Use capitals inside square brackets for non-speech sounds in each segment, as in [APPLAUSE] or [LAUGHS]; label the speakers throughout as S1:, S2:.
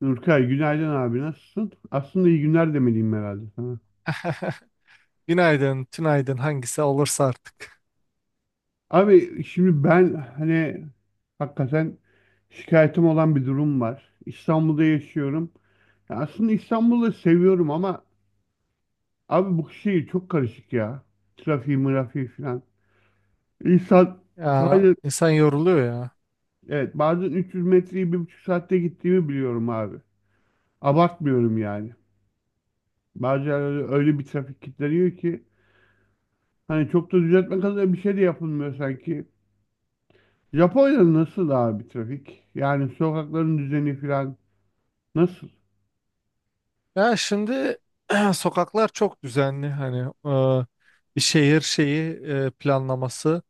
S1: Nurkay günaydın abi nasılsın? Aslında iyi günler demeliyim herhalde sana.
S2: [LAUGHS] Günaydın, tünaydın hangisi olursa artık.
S1: Abi şimdi ben hani hakikaten şikayetim olan bir durum var. İstanbul'da yaşıyorum. Ya aslında İstanbul'u seviyorum ama abi bu şehir çok karışık ya. Trafiği, mırafiği falan. İnsan.
S2: Ya
S1: Hayır.
S2: insan yoruluyor ya.
S1: Evet, bazen 300 metreyi 1,5 saatte gittiğimi biliyorum abi. Abartmıyorum yani. Bazen öyle, öyle bir trafik kilitleniyor ki hani çok da düzeltme kadar bir şey de yapılmıyor sanki. Japonya'da nasıl abi trafik? Yani sokakların düzeni falan nasıl?
S2: Ya şimdi [CLEARS THROAT] Sokaklar çok düzenli, e, bir şehir planlaması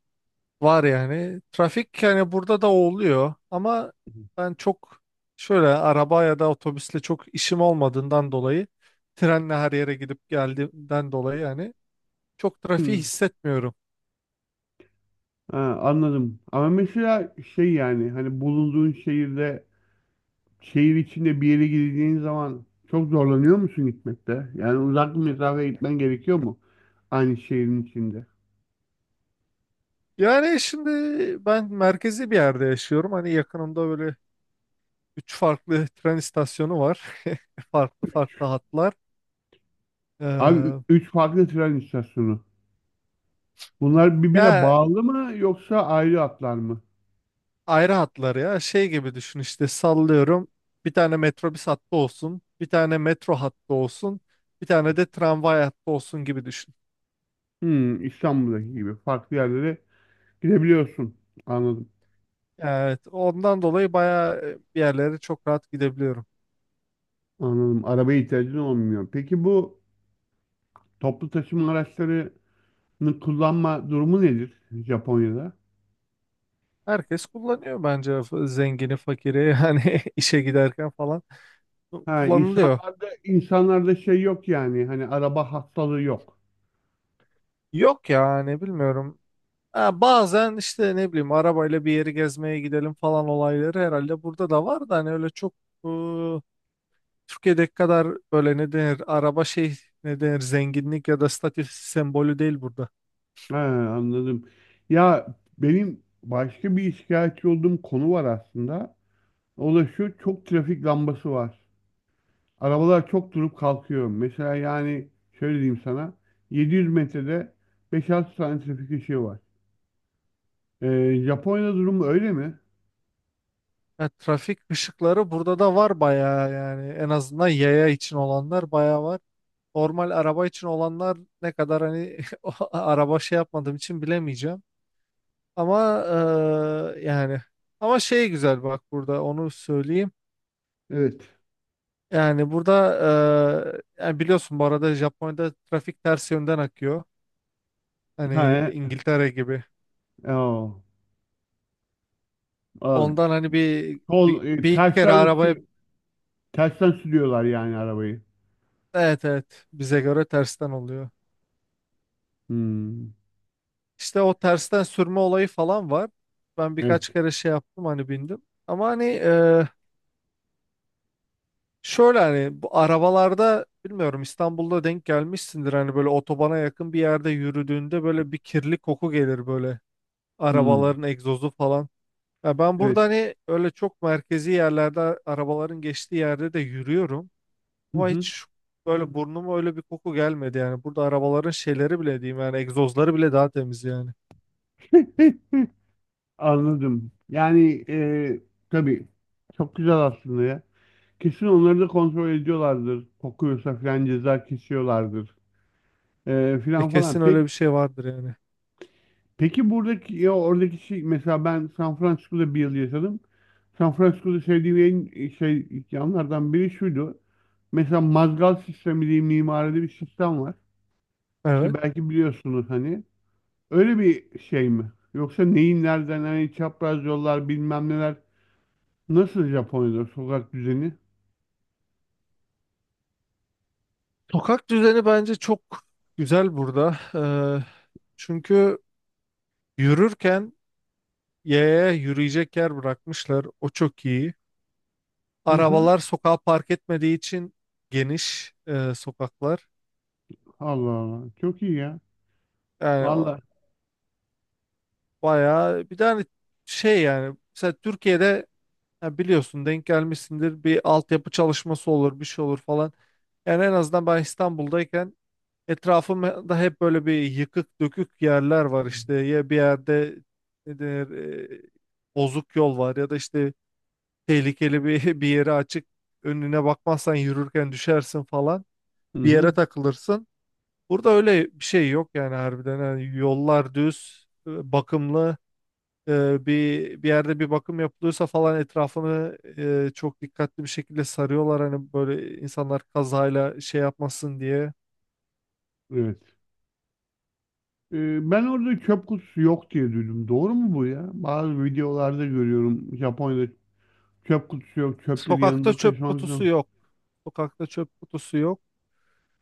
S2: var yani. Trafik yani burada da oluyor ama ben çok şöyle araba ya da otobüsle çok işim olmadığından dolayı, trenle her yere gidip geldiğimden dolayı yani çok trafiği
S1: Hmm,
S2: hissetmiyorum.
S1: ha, anladım. Ama mesela şey yani hani bulunduğun şehirde şehir içinde bir yere gideceğin zaman çok zorlanıyor musun gitmekte? Yani uzak bir mesafeye gitmen gerekiyor mu? Aynı şehrin içinde.
S2: Yani şimdi ben merkezi bir yerde yaşıyorum. Hani yakınımda böyle üç farklı tren istasyonu var. [LAUGHS] Farklı farklı hatlar.
S1: Abi ü-
S2: Ee,
S1: üç farklı tren istasyonu. Bunlar birbirine
S2: ya
S1: bağlı mı yoksa ayrı hatlar mı?
S2: ayrı hatlar ya. Şey gibi düşün, işte sallıyorum. Bir tane metrobüs hattı olsun, bir tane metro hattı olsun, bir tane de tramvay hattı olsun gibi düşün.
S1: Hmm. İstanbul'daki gibi farklı yerlere gidebiliyorsun. Anladım.
S2: Evet, ondan dolayı bayağı, bir yerlere çok rahat gidebiliyorum.
S1: Anladım. Arabaya ihtiyacın olmuyor. Peki bu toplu taşıma araçlarını kullanma durumu nedir Japonya'da?
S2: Herkes kullanıyor bence, zengini, fakiri [LAUGHS] yani işe giderken falan
S1: Ha,
S2: kullanılıyor.
S1: insanlarda şey yok yani. Hani araba hastalığı yok.
S2: Yok ya, ne bilmiyorum. Ha, bazen işte ne bileyim, arabayla bir yeri gezmeye gidelim falan olayları herhalde burada da var, da hani öyle çok e, Türkiye'deki kadar böyle ne denir araba şey, ne denir, zenginlik ya da statü sembolü değil burada.
S1: Ha, anladım. Ya benim başka bir şikayetçi olduğum konu var aslında. O da şu çok trafik lambası var. Arabalar çok durup kalkıyor. Mesela yani şöyle diyeyim sana. 700 metrede 5-6 tane trafik ışığı var. Japonya'da durum öyle mi?
S2: Ya, trafik ışıkları burada da var bayağı, yani en azından yaya için olanlar bayağı var. Normal araba için olanlar ne kadar hani, [LAUGHS] o araba şey yapmadığım için bilemeyeceğim. Ama yani ama şey, güzel bak, burada onu söyleyeyim.
S1: Evet.
S2: Yani burada yani biliyorsun, bu arada Japonya'da trafik ters yönden akıyor.
S1: Ha,
S2: Hani İngiltere gibi.
S1: o. Aa,
S2: Ondan hani bir, bir,
S1: sol e,
S2: bir iki kere
S1: tersten
S2: arabaya,
S1: sü- tersten sürüyorlar yani arabayı.
S2: evet evet, bize göre tersten oluyor.
S1: Hmm,
S2: İşte o tersten sürme olayı falan var. Ben birkaç
S1: evet.
S2: kere şey yaptım, hani bindim. Ama şöyle hani bu arabalarda, bilmiyorum İstanbul'da denk gelmişsindir, hani böyle otobana yakın bir yerde yürüdüğünde böyle bir kirli koku gelir, böyle
S1: Hmm,
S2: arabaların egzozu falan. Ya ben
S1: evet.
S2: burada hani öyle çok merkezi yerlerde arabaların geçtiği yerde de yürüyorum.
S1: Hı
S2: Ama
S1: hı.
S2: hiç böyle burnuma öyle bir koku gelmedi yani. Burada arabaların şeyleri bile diyeyim, yani egzozları bile daha temiz yani.
S1: [LAUGHS] Anladım. Yani tabii çok güzel aslında ya. Kesin onları da kontrol ediyorlardır. Kokuyorsa falan ceza kesiyorlardır. E,
S2: E
S1: filan
S2: kesin
S1: falan.
S2: öyle
S1: Peki
S2: bir şey vardır yani.
S1: Peki buradaki ya oradaki şey mesela ben San Francisco'da bir yıl yaşadım. San Francisco'da sevdiğim en şey yanlardan biri şuydu. Mesela mazgal sistemi diye mimaride bir sistem var. İşte
S2: Evet.
S1: belki biliyorsunuz hani. Öyle bir şey mi? Yoksa neyin nereden hani çapraz yollar bilmem neler. Nasıl Japonya'da sokak düzeni?
S2: Sokak düzeni bence çok güzel burada. Çünkü yürürken yaya yürüyecek yer bırakmışlar. O çok iyi.
S1: Hı hı.
S2: Arabalar sokağa park etmediği için geniş sokaklar.
S1: Allah Allah. Çok iyi ya.
S2: Yani
S1: Vallahi.
S2: bayağı bir tane şey yani, mesela Türkiye'de, ya biliyorsun denk gelmişsindir, bir altyapı çalışması olur, bir şey olur falan. Yani en azından ben İstanbul'dayken etrafımda hep böyle bir yıkık dökük yerler var, işte ya bir yerde ne denir, bozuk yol var ya da işte tehlikeli bir, [LAUGHS] bir yere açık, önüne bakmazsan yürürken düşersin falan,
S1: Hı
S2: bir yere
S1: hı.
S2: takılırsın. Burada öyle bir şey yok yani, harbiden. Yani yollar düz, bakımlı, bir yerde bir bakım yapılıyorsa falan etrafını çok dikkatli bir şekilde sarıyorlar, hani böyle insanlar kazayla şey yapmasın diye.
S1: Evet. Ben orada çöp kutusu yok diye duydum. Doğru mu bu ya? Bazı videolarda görüyorum Japonya'da çöp kutusu yok, çöpleri
S2: Sokakta
S1: yanında
S2: çöp
S1: taşımak
S2: kutusu
S1: zorunda.
S2: yok. Sokakta çöp kutusu yok.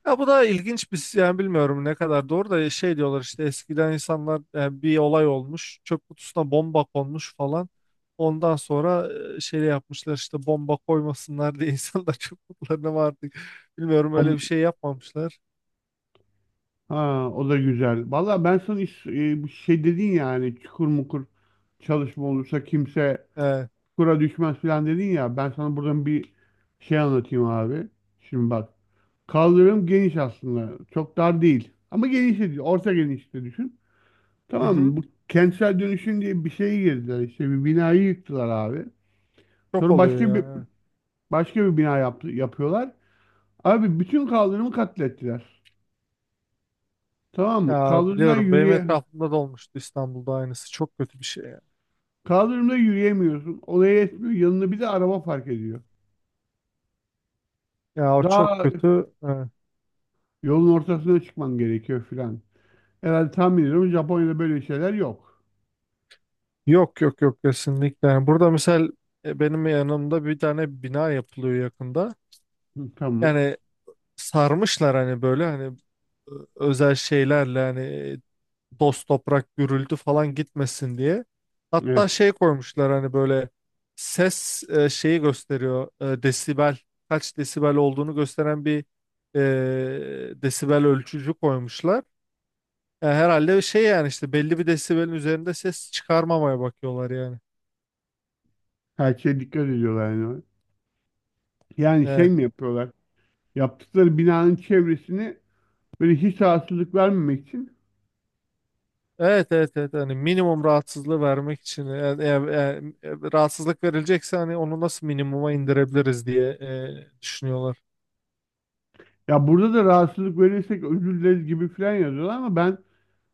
S2: Ya bu da ilginç bir yani, bilmiyorum ne kadar doğru, da şey diyorlar işte, eskiden insanlar, bir olay olmuş, çöp kutusuna bomba konmuş falan. Ondan sonra şey yapmışlar, işte bomba koymasınlar diye [LAUGHS] insanlar çöp kutularına mı artık, bilmiyorum,
S1: O,
S2: öyle bir şey yapmamışlar.
S1: ha, o da güzel. Valla ben sana bir şey dedin yani çukur mukur çalışma olursa kimse
S2: Evet.
S1: çukura düşmez falan dedin ya. Ben sana buradan bir şey anlatayım abi. Şimdi bak. Kaldırım geniş aslında. Çok dar değil. Ama geniş de değil. Orta genişte düşün. Tamam mı? Bu kentsel dönüşüm diye bir şeye girdiler. İşte bir binayı yıktılar abi.
S2: Çok
S1: Sonra
S2: oluyor
S1: başka bir
S2: ya, evet.
S1: başka bir bina yaptı, yapıyorlar. Abi bütün kaldırımı katlettiler. Tamam mı?
S2: Ya biliyorum, benim etrafımda da olmuştu İstanbul'da aynısı. Çok kötü bir şey ya.
S1: Kaldırımda yürüyemiyorsun. Olaya yetmiyor. Yanına bir de araba fark ediyor.
S2: Ya o
S1: Daha
S2: çok kötü.
S1: yolun ortasına çıkman gerekiyor filan. Herhalde tahmin ediyorum Japonya'da böyle şeyler yok.
S2: Yok yok yok, kesinlikle. Yani burada misal benim yanımda bir tane bina yapılıyor yakında.
S1: Hı, tamam.
S2: Yani sarmışlar hani böyle hani özel şeylerle, hani toz toprak gürültü falan gitmesin diye.
S1: Evet.
S2: Hatta şey koymuşlar, hani böyle ses şeyi gösteriyor, e, desibel kaç desibel olduğunu gösteren bir desibel ölçücü koymuşlar. E, herhalde şey yani, işte belli bir desibelin üzerinde ses çıkarmamaya bakıyorlar yani.
S1: Her şeye dikkat ediyorlar yani. Yani şey
S2: Evet.
S1: mi yapıyorlar? Yaptıkları binanın çevresini böyle hiç rahatsızlık vermemek için
S2: Evet evet evet, hani minimum rahatsızlığı vermek için, yani, rahatsızlık verilecekse hani onu nasıl minimuma indirebiliriz diye düşünüyorlar.
S1: ya burada da rahatsızlık verirsek özür dileriz gibi falan yazıyorlar ama ben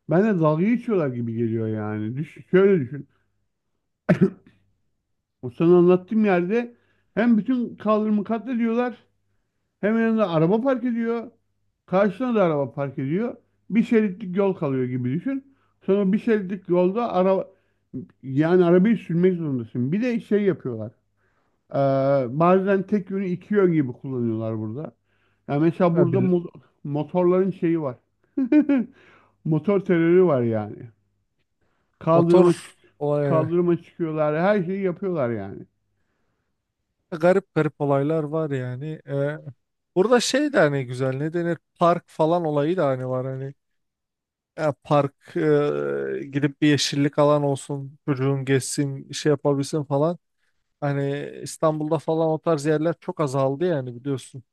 S1: ben de dalga geçiyorlar gibi geliyor yani. Şöyle düşün. O sana anlattığım yerde hem bütün kaldırımı katlediyorlar. Hemen yanında araba park ediyor. Karşısına da araba park ediyor. Bir şeritlik yol kalıyor gibi düşün. Sonra bir şeritlik yolda yani arabayı sürmek zorundasın. Bir de şey yapıyorlar. Ee, Bazen tek yönü iki yön gibi kullanıyorlar burada. Yani mesela
S2: Ya
S1: burada
S2: bil-
S1: motorların şeyi var. [LAUGHS] Motor terörü var yani.
S2: motor
S1: Kaldırıma çık
S2: olay,
S1: kaldırıma çıkıyorlar. Her şeyi yapıyorlar yani.
S2: garip garip olaylar var yani. Burada şey de hani güzel, ne denir, park falan olayı da hani var hani. Ya park, gidip bir yeşillik alan olsun, çocuğun geçsin, şey yapabilsin falan. Hani İstanbul'da falan o tarz yerler çok azaldı yani, biliyorsun.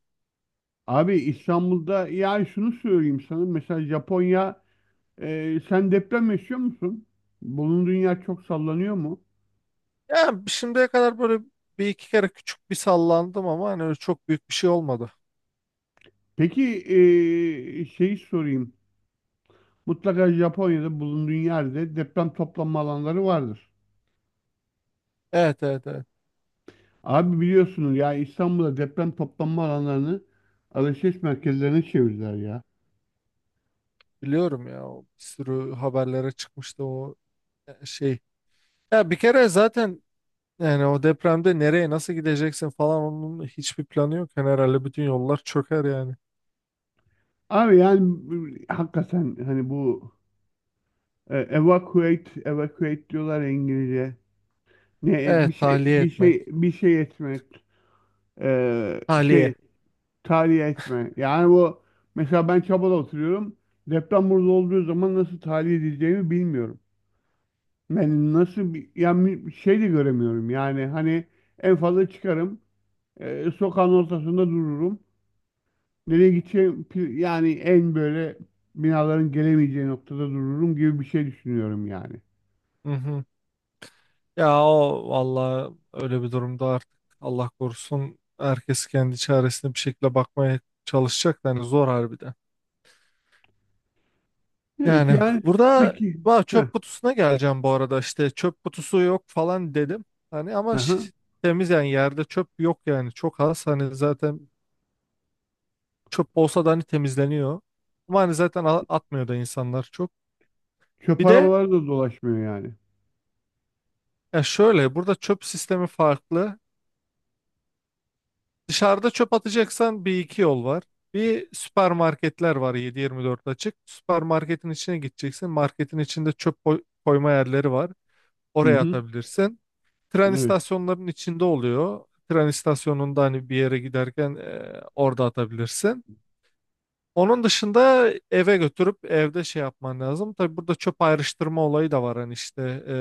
S1: Abi İstanbul'da yani şunu söyleyeyim sana. Mesela Japonya. Sen deprem yaşıyor musun? Bulunduğun yer çok sallanıyor mu?
S2: Yani şimdiye kadar böyle bir iki kere küçük bir sallandım ama hani öyle çok büyük bir şey olmadı.
S1: Peki şeyi sorayım. Mutlaka Japonya'da bulunduğun yerde deprem toplanma alanları vardır.
S2: Evet evet evet,
S1: Abi biliyorsunuz ya İstanbul'da deprem toplanma alanlarını alışveriş merkezlerine çevirdiler ya.
S2: biliyorum ya, o bir sürü haberlere çıkmıştı, şey. Ya bir kere zaten, yani o depremde nereye nasıl gideceksin falan, onun hiçbir planı yok. Yani herhalde bütün yollar çöker yani.
S1: Abi yani hakikaten hani bu evacuate, evacuate diyorlar ya İngilizce. Ne bir
S2: Evet,
S1: şey
S2: tahliye
S1: bir
S2: etmek.
S1: şey bir şey etmek, eee,
S2: Tahliye.
S1: şey tahliye etme. Yani bu mesela ben Çaba'da oturuyorum. Deprem burada olduğu zaman nasıl tahliye edileceğimi bilmiyorum. Ben nasıl bir yani bir şey de göremiyorum. Yani hani en fazla çıkarım. Sokağın ortasında dururum. Nereye gideceğim yani en böyle binaların gelemeyeceği noktada dururum gibi bir şey düşünüyorum yani.
S2: Hı hı. Ya o valla, öyle bir durumda artık Allah korusun, herkes kendi çaresine bir şekilde bakmaya çalışacak. Yani zor harbiden.
S1: Evet
S2: Yani
S1: yani.
S2: burada
S1: Peki.
S2: va,
S1: Heh,
S2: çöp kutusuna geleceğim bu arada, işte çöp kutusu yok falan dedim. Hani ama
S1: aha.
S2: temiz yani, yerde çöp yok yani, çok az. Hani zaten çöp olsa da hani temizleniyor. Ama hani zaten atmıyor da insanlar çok.
S1: Çöp
S2: Bir de
S1: arabaları da dolaşmıyor yani.
S2: ya şöyle, burada çöp sistemi farklı. Dışarıda çöp atacaksan bir iki yol var. Bir, süpermarketler var 7-24 açık. Süpermarketin içine gideceksin. Marketin içinde çöp koyma yerleri var.
S1: Hı
S2: Oraya
S1: hı.
S2: atabilirsin. Tren
S1: Evet.
S2: istasyonlarının içinde oluyor. Tren istasyonunda hani bir yere giderken orada atabilirsin. Onun dışında eve götürüp evde şey yapman lazım. Tabii burada çöp ayrıştırma olayı da var. Hani e,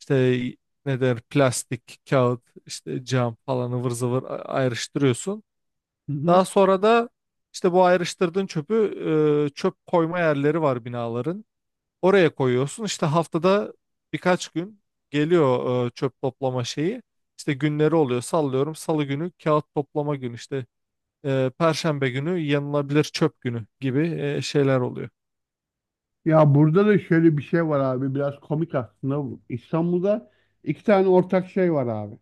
S2: işte ne der, plastik, kağıt, işte cam falan ıvır zıvır ayrıştırıyorsun.
S1: Hı hı.
S2: Daha sonra da işte bu ayrıştırdığın çöpü, çöp koyma yerleri var binaların. Oraya koyuyorsun. İşte haftada birkaç gün geliyor çöp toplama şeyi. İşte günleri oluyor. Sallıyorum, Salı günü kağıt toplama günü. İşte Perşembe günü yanılabilir çöp günü gibi şeyler oluyor.
S1: Ya burada da şöyle bir şey var abi biraz komik aslında bu. İstanbul'da iki tane ortak şey var abi.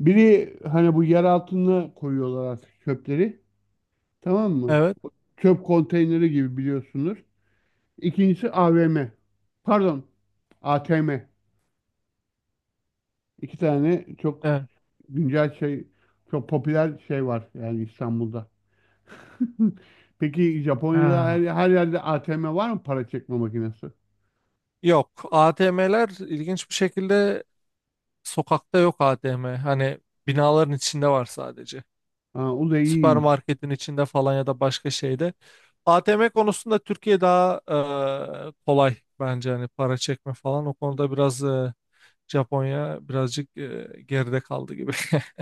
S1: Biri hani bu yer altına koyuyorlar artık çöpleri, tamam mı?
S2: Evet.
S1: Çöp konteyneri gibi biliyorsunuz. İkincisi AVM. Pardon, ATM. İki tane
S2: Evet.
S1: güncel şey çok popüler şey var yani İstanbul'da. [LAUGHS] Peki Japonya'da her,
S2: Ha.
S1: her yerde ATM var mı para çekme makinesi?
S2: Yok. ATM'ler ilginç bir şekilde sokakta yok, ATM. Hani binaların içinde var sadece.
S1: Ha, o da iyiymiş.
S2: Süpermarketin içinde falan ya da başka şeyde. ATM konusunda Türkiye daha kolay bence, hani para çekme falan. O konuda biraz Japonya birazcık geride kaldı gibi. [LAUGHS]